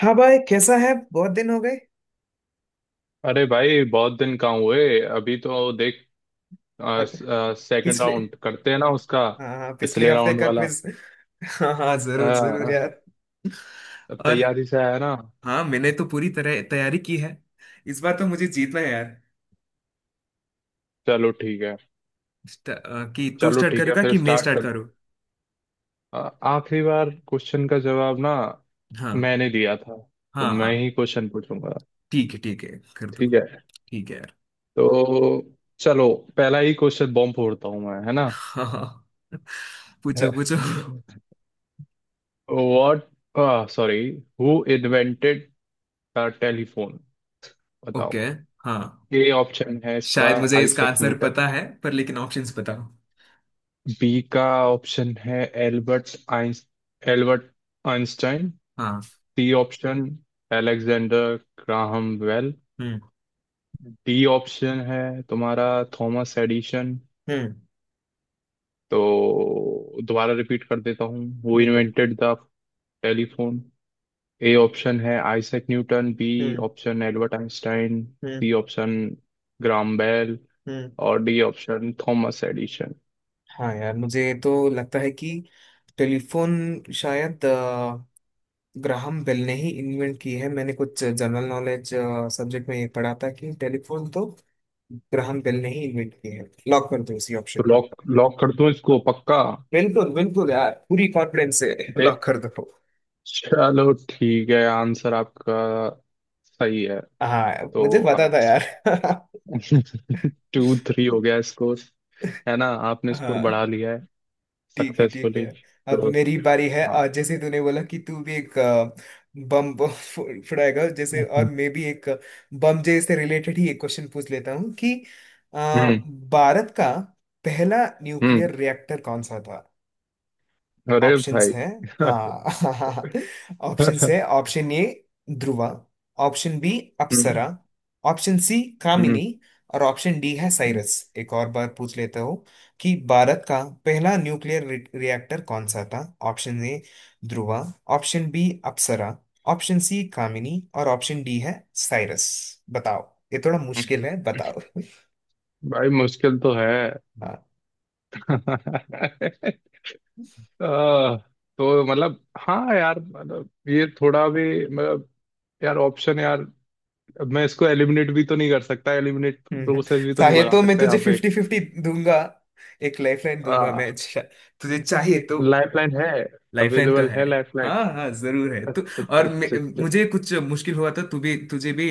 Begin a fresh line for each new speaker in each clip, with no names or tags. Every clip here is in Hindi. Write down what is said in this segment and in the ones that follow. हाँ भाई, कैसा है? बहुत दिन हो गए।
अरे भाई बहुत दिन कहाँ हुए? अभी तो देख,
अ,
सेकंड
पिछले
राउंड करते हैं ना उसका।
हाँ हाँ, पिछले
पिछले
हफ्ते
राउंड
का
वाला।
क्विज। हाँ हाँ, जरूर जरूर
हाँ।
यार।
अब
और।
तैयारी से आया ना?
हाँ, मैंने तो पूरी तरह तैयारी की है। इस बार तो मुझे जीतना है यार।
चलो ठीक है।
कि तू
चलो
स्टार्ट
ठीक है,
करेगा
फिर
कि मैं
स्टार्ट
स्टार्ट
कर।
करूँ?
आ, आखिरी बार क्वेश्चन का जवाब ना
हाँ
मैंने दिया था, तो
हाँ
मैं
हाँ
ही क्वेश्चन पूछूंगा।
ठीक है कर दो
ठीक है।
ठीक है यार
तो चलो, पहला ही क्वेश्चन बॉम्ब फोड़ता हूँ मैं, है ना।
हाँ हाँ हाँ। पूछो पूछो।
What sorry, who invented the telephone, बताओ।
ओके। हाँ।
ए ऑप्शन है इसका
शायद मुझे इसका
आइजैक
आंसर
न्यूटन।
पता है, पर लेकिन ऑप्शंस बताओ।
बी का ऑप्शन है एल्बर्ट आइंस एल्बर्ट आइंस्टाइन।
हाँ।
C option Alexander Graham Bell.
हम्म।
डी ऑप्शन है तुम्हारा थॉमस एडिशन।
हम्म।
तो दोबारा रिपीट कर देता हूँ, वो
बिल्कुल।
Invented the telephone. A option है आइजैक न्यूटन, बी
हम्म।
ऑप्शन एल्बर्ट आइंस्टाइन,
हम्म।
सी ऑप्शन ग्राहम बेल,
हम्म।
और डी ऑप्शन थॉमस एडिशन।
हाँ यार, मुझे तो लगता है कि टेलीफोन शायद ग्राहम बेल ने ही इन्वेंट की है। मैंने कुछ जनरल नॉलेज सब्जेक्ट में ये पढ़ा था कि टेलीफोन तो ग्राहम बेल ने ही इन्वेंट की है। लॉक कर दो इसी
तो
ऑप्शन को।
लॉक लॉक कर दूं इसको पक्का?
बिल्कुल बिल्कुल यार, पूरी कॉन्फिडेंस से
देख,
लॉक कर दो।
चलो ठीक है, आंसर आपका सही है।
हाँ,
तो
मुझे पता
आप
था यार।
2-3 हो गया स्कोर, है ना। आपने स्कोर बढ़ा
हाँ,
लिया है
ठीक है ठीक है।
सक्सेसफुली।
अब
तो
मेरी बारी है।
हाँ।
आज जैसे तूने बोला कि तू भी एक बम फुड़ाएगा, जैसे, और मैं भी एक बम जे से रिलेटेड ही एक क्वेश्चन पूछ लेता हूँ कि अ,
हम्म।
भारत का पहला
हम्म।
न्यूक्लियर रिएक्टर कौन सा था?
अरे
ऑप्शंस
भाई
हैं। हाँ। ऑप्शंस
हम्म।
है। Option A Dhruva, option B Apsara, option C
हम्म।
कामिनी और ऑप्शन डी है साइरस। एक और बार पूछ लेता हूँ कि भारत का पहला न्यूक्लियर रिएक्टर कौन सा था? Option A Dhruva, option B Apsara, option C Kamini और ऑप्शन डी है साइरस। बताओ। ये थोड़ा मुश्किल
हम्म,
है। बताओ।
भाई मुश्किल तो है। आह, तो मतलब हाँ यार, मतलब ये थोड़ा भी मतलब, यार ऑप्शन, यार अब मैं इसको एलिमिनेट भी तो नहीं कर सकता, एलिमिनेट
हम्म।
प्रोसेस भी तो नहीं
चाहे
लगा
तो मैं
सकता यहाँ
तुझे
पे।
फिफ्टी फिफ्टी दूंगा, एक लाइफलाइन दूंगा
आ,
मैं। अच्छा, तुझे चाहिए तो।
लाइफ लाइन है?
लाइफलाइन तो
अवेलेबल
है।
है लाइफ लाइन?
हाँ हाँ, जरूर है। तू
अच्छा अच्छा
और
अच्छा अच्छा।
मुझे कुछ मुश्किल हुआ तो तू भी तुझे भी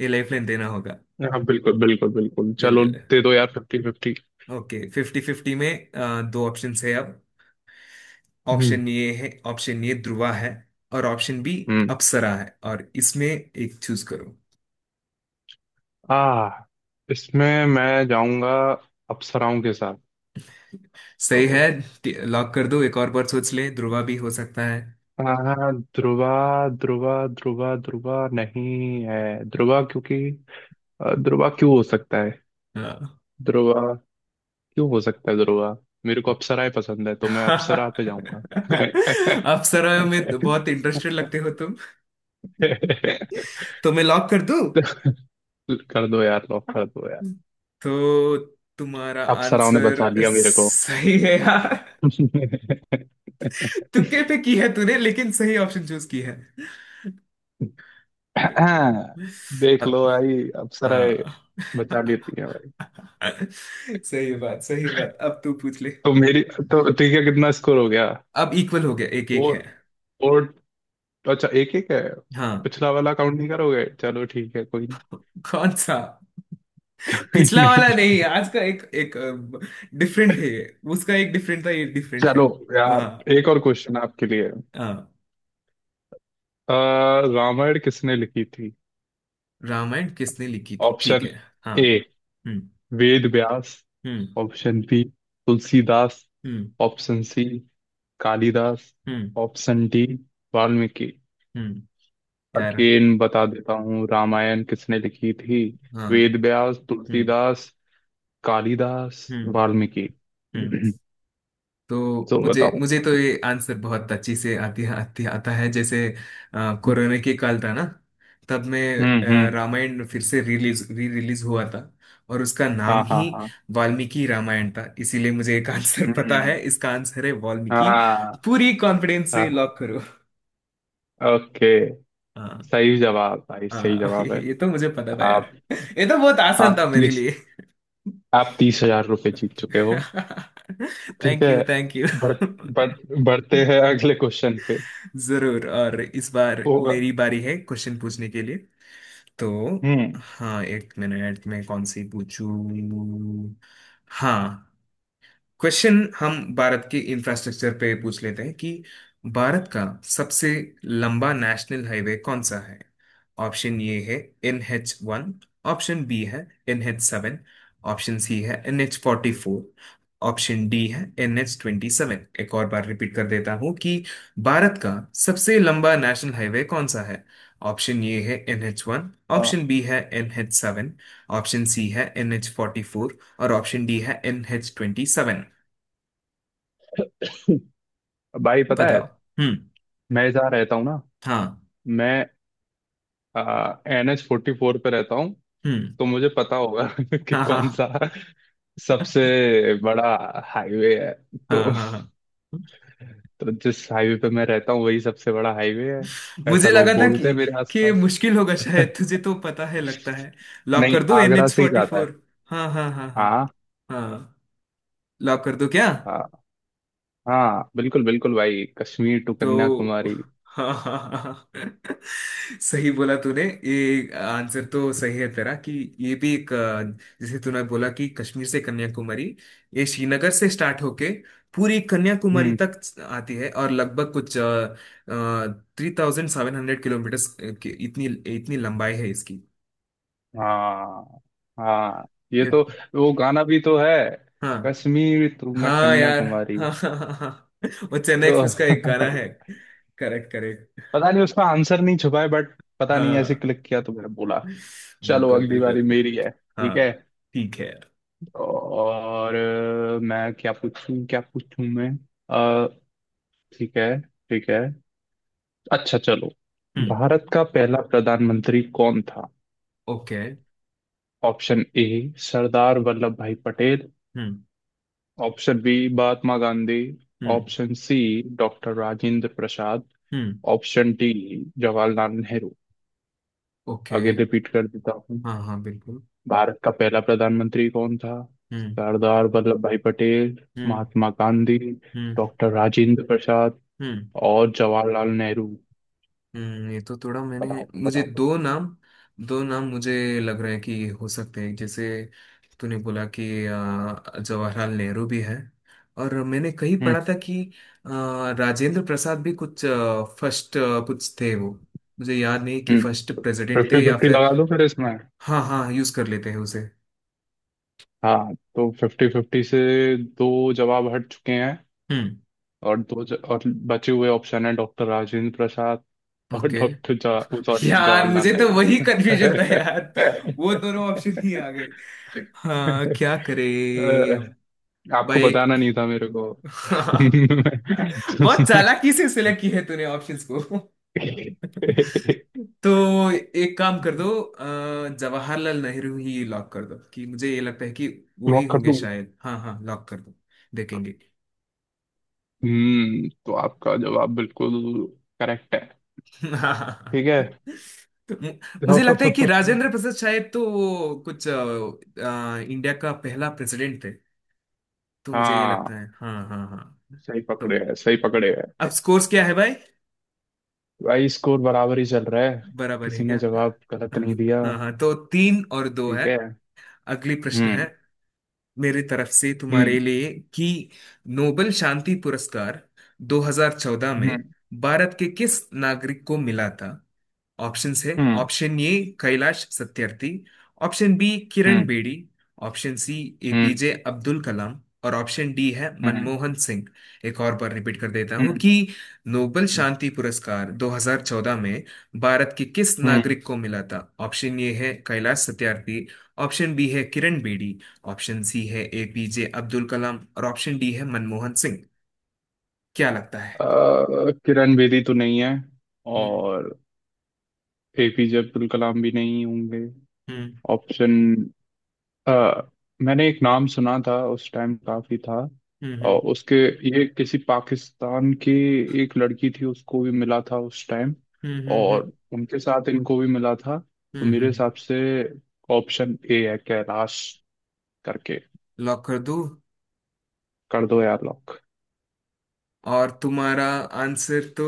ये लाइफलाइन देना होगा।
हाँ बिल्कुल बिल्कुल बिल्कुल चलो।
बिल्कुल।
दे दो यार fifty fifty.
Okay. Fifty fifty में दो ऑप्शन है अब।
हम्म।
ऑप्शन ये ध्रुवा है और ऑप्शन बी
हम्म।
अप्सरा है। और इसमें एक चूज करो।
आ, इसमें मैं जाऊंगा अप्सराओं के साथ। तो
सही है। लॉक कर दो। एक और बार सोच ले, ध्रुवा भी हो सकता है।
आ, ध्रुवा, ध्रुवा ध्रुवा ध्रुवा नहीं है। ध्रुवा क्योंकि ध्रुवा क्यों हो सकता है,
हाँ।
ध्रुवा क्यों हो सकता है? ध्रुवा, मेरे को अप्सराएं पसंद है तो मैं अप्सरा पे जाऊंगा।
अप्सरा में बहुत इंटरेस्टेड लगते हो तुम। तो मैं लॉक कर दूं?
कर दो यार लॉक, कर दो यार।
तो तुम्हारा
अप्सराओं ने
आंसर
बचा लिया मेरे को।
सही है यार। तुक्के पे की है तूने, लेकिन सही ऑप्शन चूज की है।
देख
अब
लो भाई, अप्सराएं
हाँ।
बचा लेती हैं भाई।
सही बात, सही बात। अब तू पूछ ले।
तो मेरी, तो ठीक है कितना स्कोर हो गया?
अब इक्वल हो गया। एक एक है।
4। फोर। अच्छा, एक एक है।
हाँ।
पिछला वाला काउंट नहीं करोगे? चलो ठीक है, कोई
कौन सा?
नहीं।
पिछला वाला
नहीं।
नहीं, आज का। एक एक डिफरेंट है ये। उसका एक डिफरेंट था, ये डिफरेंट है।
चलो यार,
हाँ।
एक और क्वेश्चन आपके लिए।
अ,
अ, रामायण किसने लिखी थी?
रामायण किसने लिखी थी? ठीक
ऑप्शन
है। हाँ।
ए
हम्म।
वेद व्यास,
हम्म।
ऑप्शन बी तुलसीदास,
हम्म।
ऑप्शन सी कालिदास,
हम्म।
Option D Valmiki.
हम्म। यार।
अगेन बता देता हूँ, रामायण किसने लिखी थी?
हाँ।
वेद व्यास,
हम्म।
तुलसीदास, कालिदास,
हम्म।
वाल्मीकि।
हम्म। तो
तो
मुझे
बताओ।
मुझे तो ये आंसर बहुत अच्छी से आती आती आता है, जैसे, कोरोना के काल था ना। तब मैं,
हम्म। हम्म।
रामायण फिर से रिलीज हुआ था, और उसका
हाँ
नाम
हाँ
ही
हाँ।
वाल्मीकि रामायण था, इसीलिए मुझे एक आंसर पता है।
हम्म।
इसका आंसर है वाल्मीकि।
हाँ।
पूरी कॉन्फिडेंस से
हाँ
लॉक करो।
ओके,
हाँ
सही जवाब भाई, सही
हाँ।
जवाब है।
ये तो मुझे पता था
आप,
यार। ये तो बहुत आसान था
आप
मेरे
तीस
लिए।
आप 30,000 रुपये जीत चुके हो। ठीक
थैंक
है।
You thank you.
बढ़ बढ़ बढ़ते हैं अगले क्वेश्चन पे।
जरूर। और इस बार
होगा।
मेरी बारी है क्वेश्चन पूछने के लिए, तो।
हम्म।
हाँ, एक मिनट। मैं कौन सी पूछूं? हाँ। क्वेश्चन हम भारत के इंफ्रास्ट्रक्चर पे पूछ लेते हैं कि भारत का सबसे लंबा नेशनल हाईवे कौन सा है? ऑप्शन ए है NH1, ऑप्शन बी है NH7, ऑप्शन सी है NH44, ऑप्शन डी है NH27। एक और बार रिपीट कर देता हूं कि भारत का सबसे लंबा नेशनल हाईवे कौन सा है? ऑप्शन ए है एन एच वन,
आ,
ऑप्शन बी है N H seven, option C है एन एच फोर्टी फोर और ऑप्शन डी है NH27।
भाई पता है,
बताओ। हम्म।
मैं जहाँ रहता हूँ ना,
हाँ।
मैं NH 44 पे रहता हूँ।
हम्म।
तो मुझे पता होगा कि
हाँ हाँ।
कौन सा सबसे बड़ा हाईवे है।
हाँ
तो,
हाँ हाँ।
तो जिस हाईवे पे मैं रहता हूँ वही सबसे बड़ा हाईवे है, ऐसा
मुझे लगा
लोग
था
बोलते
कि
हैं मेरे
कि ये
आसपास।
मुश्किल होगा, शायद तुझे तो पता है लगता है। लॉक
नहीं
कर दो एन
आगरा
एच
से ही
फोर्टी
जाता है।
फोर हाँ हाँ हाँ हाँ
हाँ।
हाँ। लॉक कर दो क्या?
हाँ। हाँ बिल्कुल बिल्कुल भाई, कश्मीर टू
तो
कन्याकुमारी।
हाँ हाँ हाँ हाँ। सही बोला तूने। ये आंसर तो सही है तेरा कि ये भी एक अ, जैसे तूने बोला कि कश्मीर से कन्याकुमारी, ये श्रीनगर से स्टार्ट होके पूरी कन्याकुमारी
हम्म।
तक आती है, और लगभग कुछ 3,700 किलोमीटर की इतनी इतनी लंबाई है इसकी।
हाँ। हाँ ये
ये-
तो, वो गाना भी तो है,
हाँ
कश्मीर टू मैं
हाँ यार।
कन्याकुमारी।
हाँ हाँ हाँ हाँ, वो चेन्नई
तो
एक्सप्रेस का एक गाना है। Correct correct.
पता नहीं उसका आंसर नहीं छुपा है बट, पता नहीं ऐसे
हाँ
क्लिक किया तो मैंने बोला। चलो
बिल्कुल
अगली बारी
बिल्कुल।
मेरी है ठीक
हाँ,
है।
ठीक है।
और मैं क्या पूछूं, क्या पूछूं मैं, अ, ठीक है ठीक है, अच्छा चलो।
हम्म।
भारत का पहला प्रधानमंत्री कौन था?
Okay.
Option A Sardar Vallabh भाई पटेल,
हम्म।
ऑप्शन बी महात्मा गांधी,
हम्म।
Option C doctor Rajendra Prasad,
हम्म।
Option D Jawaharlal Nehru.
Okay.
आगे रिपीट कर देता हूँ,
हाँ हाँ, बिल्कुल।
भारत का पहला प्रधानमंत्री कौन था?
हम्म।
सरदार वल्लभ भाई पटेल,
हम्म।
महात्मा गांधी,
हम्म।
डॉक्टर राजेंद्र प्रसाद,
हम्म।
और जवाहरलाल नेहरू।
ये तो थोड़ा मैंने
बताओ
मुझे
बताओ बताओ।
दो नाम मुझे लग रहा है कि हो सकते हैं, जैसे तूने बोला कि जवाहरलाल नेहरू भी है, और मैंने कहीं
हम्म।
पढ़ा था कि राजेंद्र प्रसाद भी कुछ फर्स्ट कुछ थे वो। मुझे याद नहीं कि
हम्म।
फर्स्ट प्रेसिडेंट
फिफ्टी
थे या
फिफ्टी
फिर।
लगा लो फिर इसमें।
हाँ हाँ, यूज कर लेते हैं उसे।
हाँ तो फिफ्टी फिफ्टी से दो जवाब हट चुके हैं,
हम्म।
और और बचे हुए ऑप्शन है डॉक्टर राजेंद्र प्रसाद और
ओके।
डॉक्टर सॉरी
यार,
जवाहरलाल
मुझे तो
नेहरू।
वही कंफ्यूजन था यार। वो दोनों ऑप्शन ही आ गए। हाँ, क्या करे।
अह, आपको
भाई।
बताना नहीं था मेरे को।
बहुत चालाकी से सिलेक्ट की है तूने ऑप्शंस को। तो एक काम कर दो। जवाहरलाल नेहरू ही लॉक कर दो कि मुझे ये लगता है कि वो ही
लॉक कर
होंगे
दूं?
शायद। हाँ हाँ, लॉक कर दो। देखेंगे।
हम्म, तो आपका जवाब बिल्कुल करेक्ट है।
हाँ।
ठीक है।
मु- मुझे
तो,
लगता है कि राजेंद्र प्रसाद शायद, तो वो कुछ इंडिया का पहला प्रेसिडेंट थे। तो मुझे ये
हाँ
लगता है। हाँ हाँ हाँ।
सही
तो
पकड़े है सही पकड़े
अब
है।
स्कोर्स क्या है भाई?
भाई स्कोर बराबर ही चल रहा है,
बराबर है
किसी ने
क्या?
जवाब गलत नहीं दिया।
हाँ हाँ, तो तीन और दो
ठीक
है।
है।
अगली प्रश्न
हम्म।
है मेरी तरफ से तुम्हारे
हम्म।
लिए कि नोबेल शांति पुरस्कार 2014 में
हम्म।
भारत के किस नागरिक को मिला था? ऑप्शंस है।
हम्म।
Option A Kailash Satyarthi, option B Kiran
हम्म।
बेदी, ऑप्शन सी
हम्म।
एपीजे अब्दुल कलाम और ऑप्शन डी है
हम्म।
मनमोहन सिंह। एक और बार रिपीट कर देता हूं
हम्म।
कि नोबेल
हम्म।
शांति पुरस्कार 2014 में भारत के किस
हम्म।
नागरिक को मिला था? ऑप्शन ए है कैलाश सत्यार्थी, ऑप्शन बी है किरण बेदी, ऑप्शन सी है एपीजे अब्दुल कलाम और ऑप्शन डी है मनमोहन सिंह। क्या लगता है?
किरण बेदी तो नहीं है।
हम्म।
और एपीजे अब्दुल कलाम भी नहीं होंगे।
हम्म।
ऑप्शन, अ, मैंने एक नाम सुना था उस टाइम काफी था,
हम्म।
और उसके, ये किसी पाकिस्तान की एक लड़की थी उसको भी मिला था उस टाइम,
हम्म। हम्म।
और उनके साथ इनको भी मिला था। तो
हम्म।
मेरे
हम्म।
हिसाब से ऑप्शन ए है कैलाश करके।
लॉक कर दो।
कर दो यार लॉक।
और तुम्हारा आंसर तो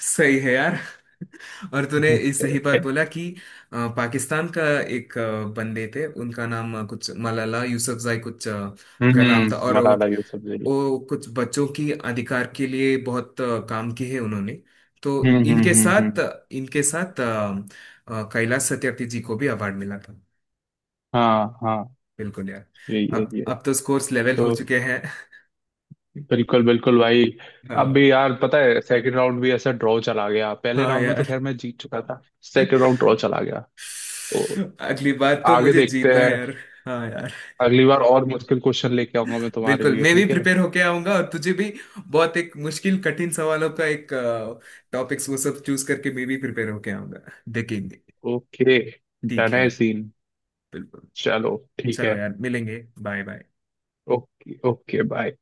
सही है यार। और तूने ये सही बात बोला कि पाकिस्तान का एक बंदे थे, उनका नाम कुछ मलाला यूसुफजई कुछ उनका नाम
हम्म,
था, और
मलाला यूसुफजई।
वो कुछ बच्चों की अधिकार के लिए बहुत काम किए है उन्होंने। तो
हम्म। हम्म।
इनके
हम्म।
साथ
हम्म।
इनके साथ कैलाश सत्यार्थी जी को भी अवार्ड मिला था।
हाँ हाँ,
बिल्कुल यार।
यही है
अब
ये।
अब तो स्कोर्स लेवल हो
तो
चुके हैं।
बिल्कुल बिल्कुल भाई। अब
हाँ
भी यार पता है सेकंड राउंड भी ऐसा ड्रॉ चला गया, पहले
हाँ
राउंड में तो
यार।
खैर मैं जीत चुका था, सेकंड राउंड ड्रॉ चला गया। तो
अगली बार तो
आगे
मुझे
देखते
जीतना
हैं,
है यार। हाँ यार।
अगली बार और मुश्किल क्वेश्चन लेके आऊंगा मैं तुम्हारे
बिल्कुल,
लिए,
मैं भी
ठीक है?
प्रिपेयर होके आऊंगा, और तुझे भी बहुत एक मुश्किल कठिन सवालों का एक टॉपिक्स वो सब चूज करके मैं भी प्रिपेयर होके आऊंगा। देखेंगे।
ओके
ठीक
डन
है
है
यार।
सीन।
बिल्कुल।
चलो ठीक
चलो
है।
यार, मिलेंगे। Bye bye.
Okay okay bye.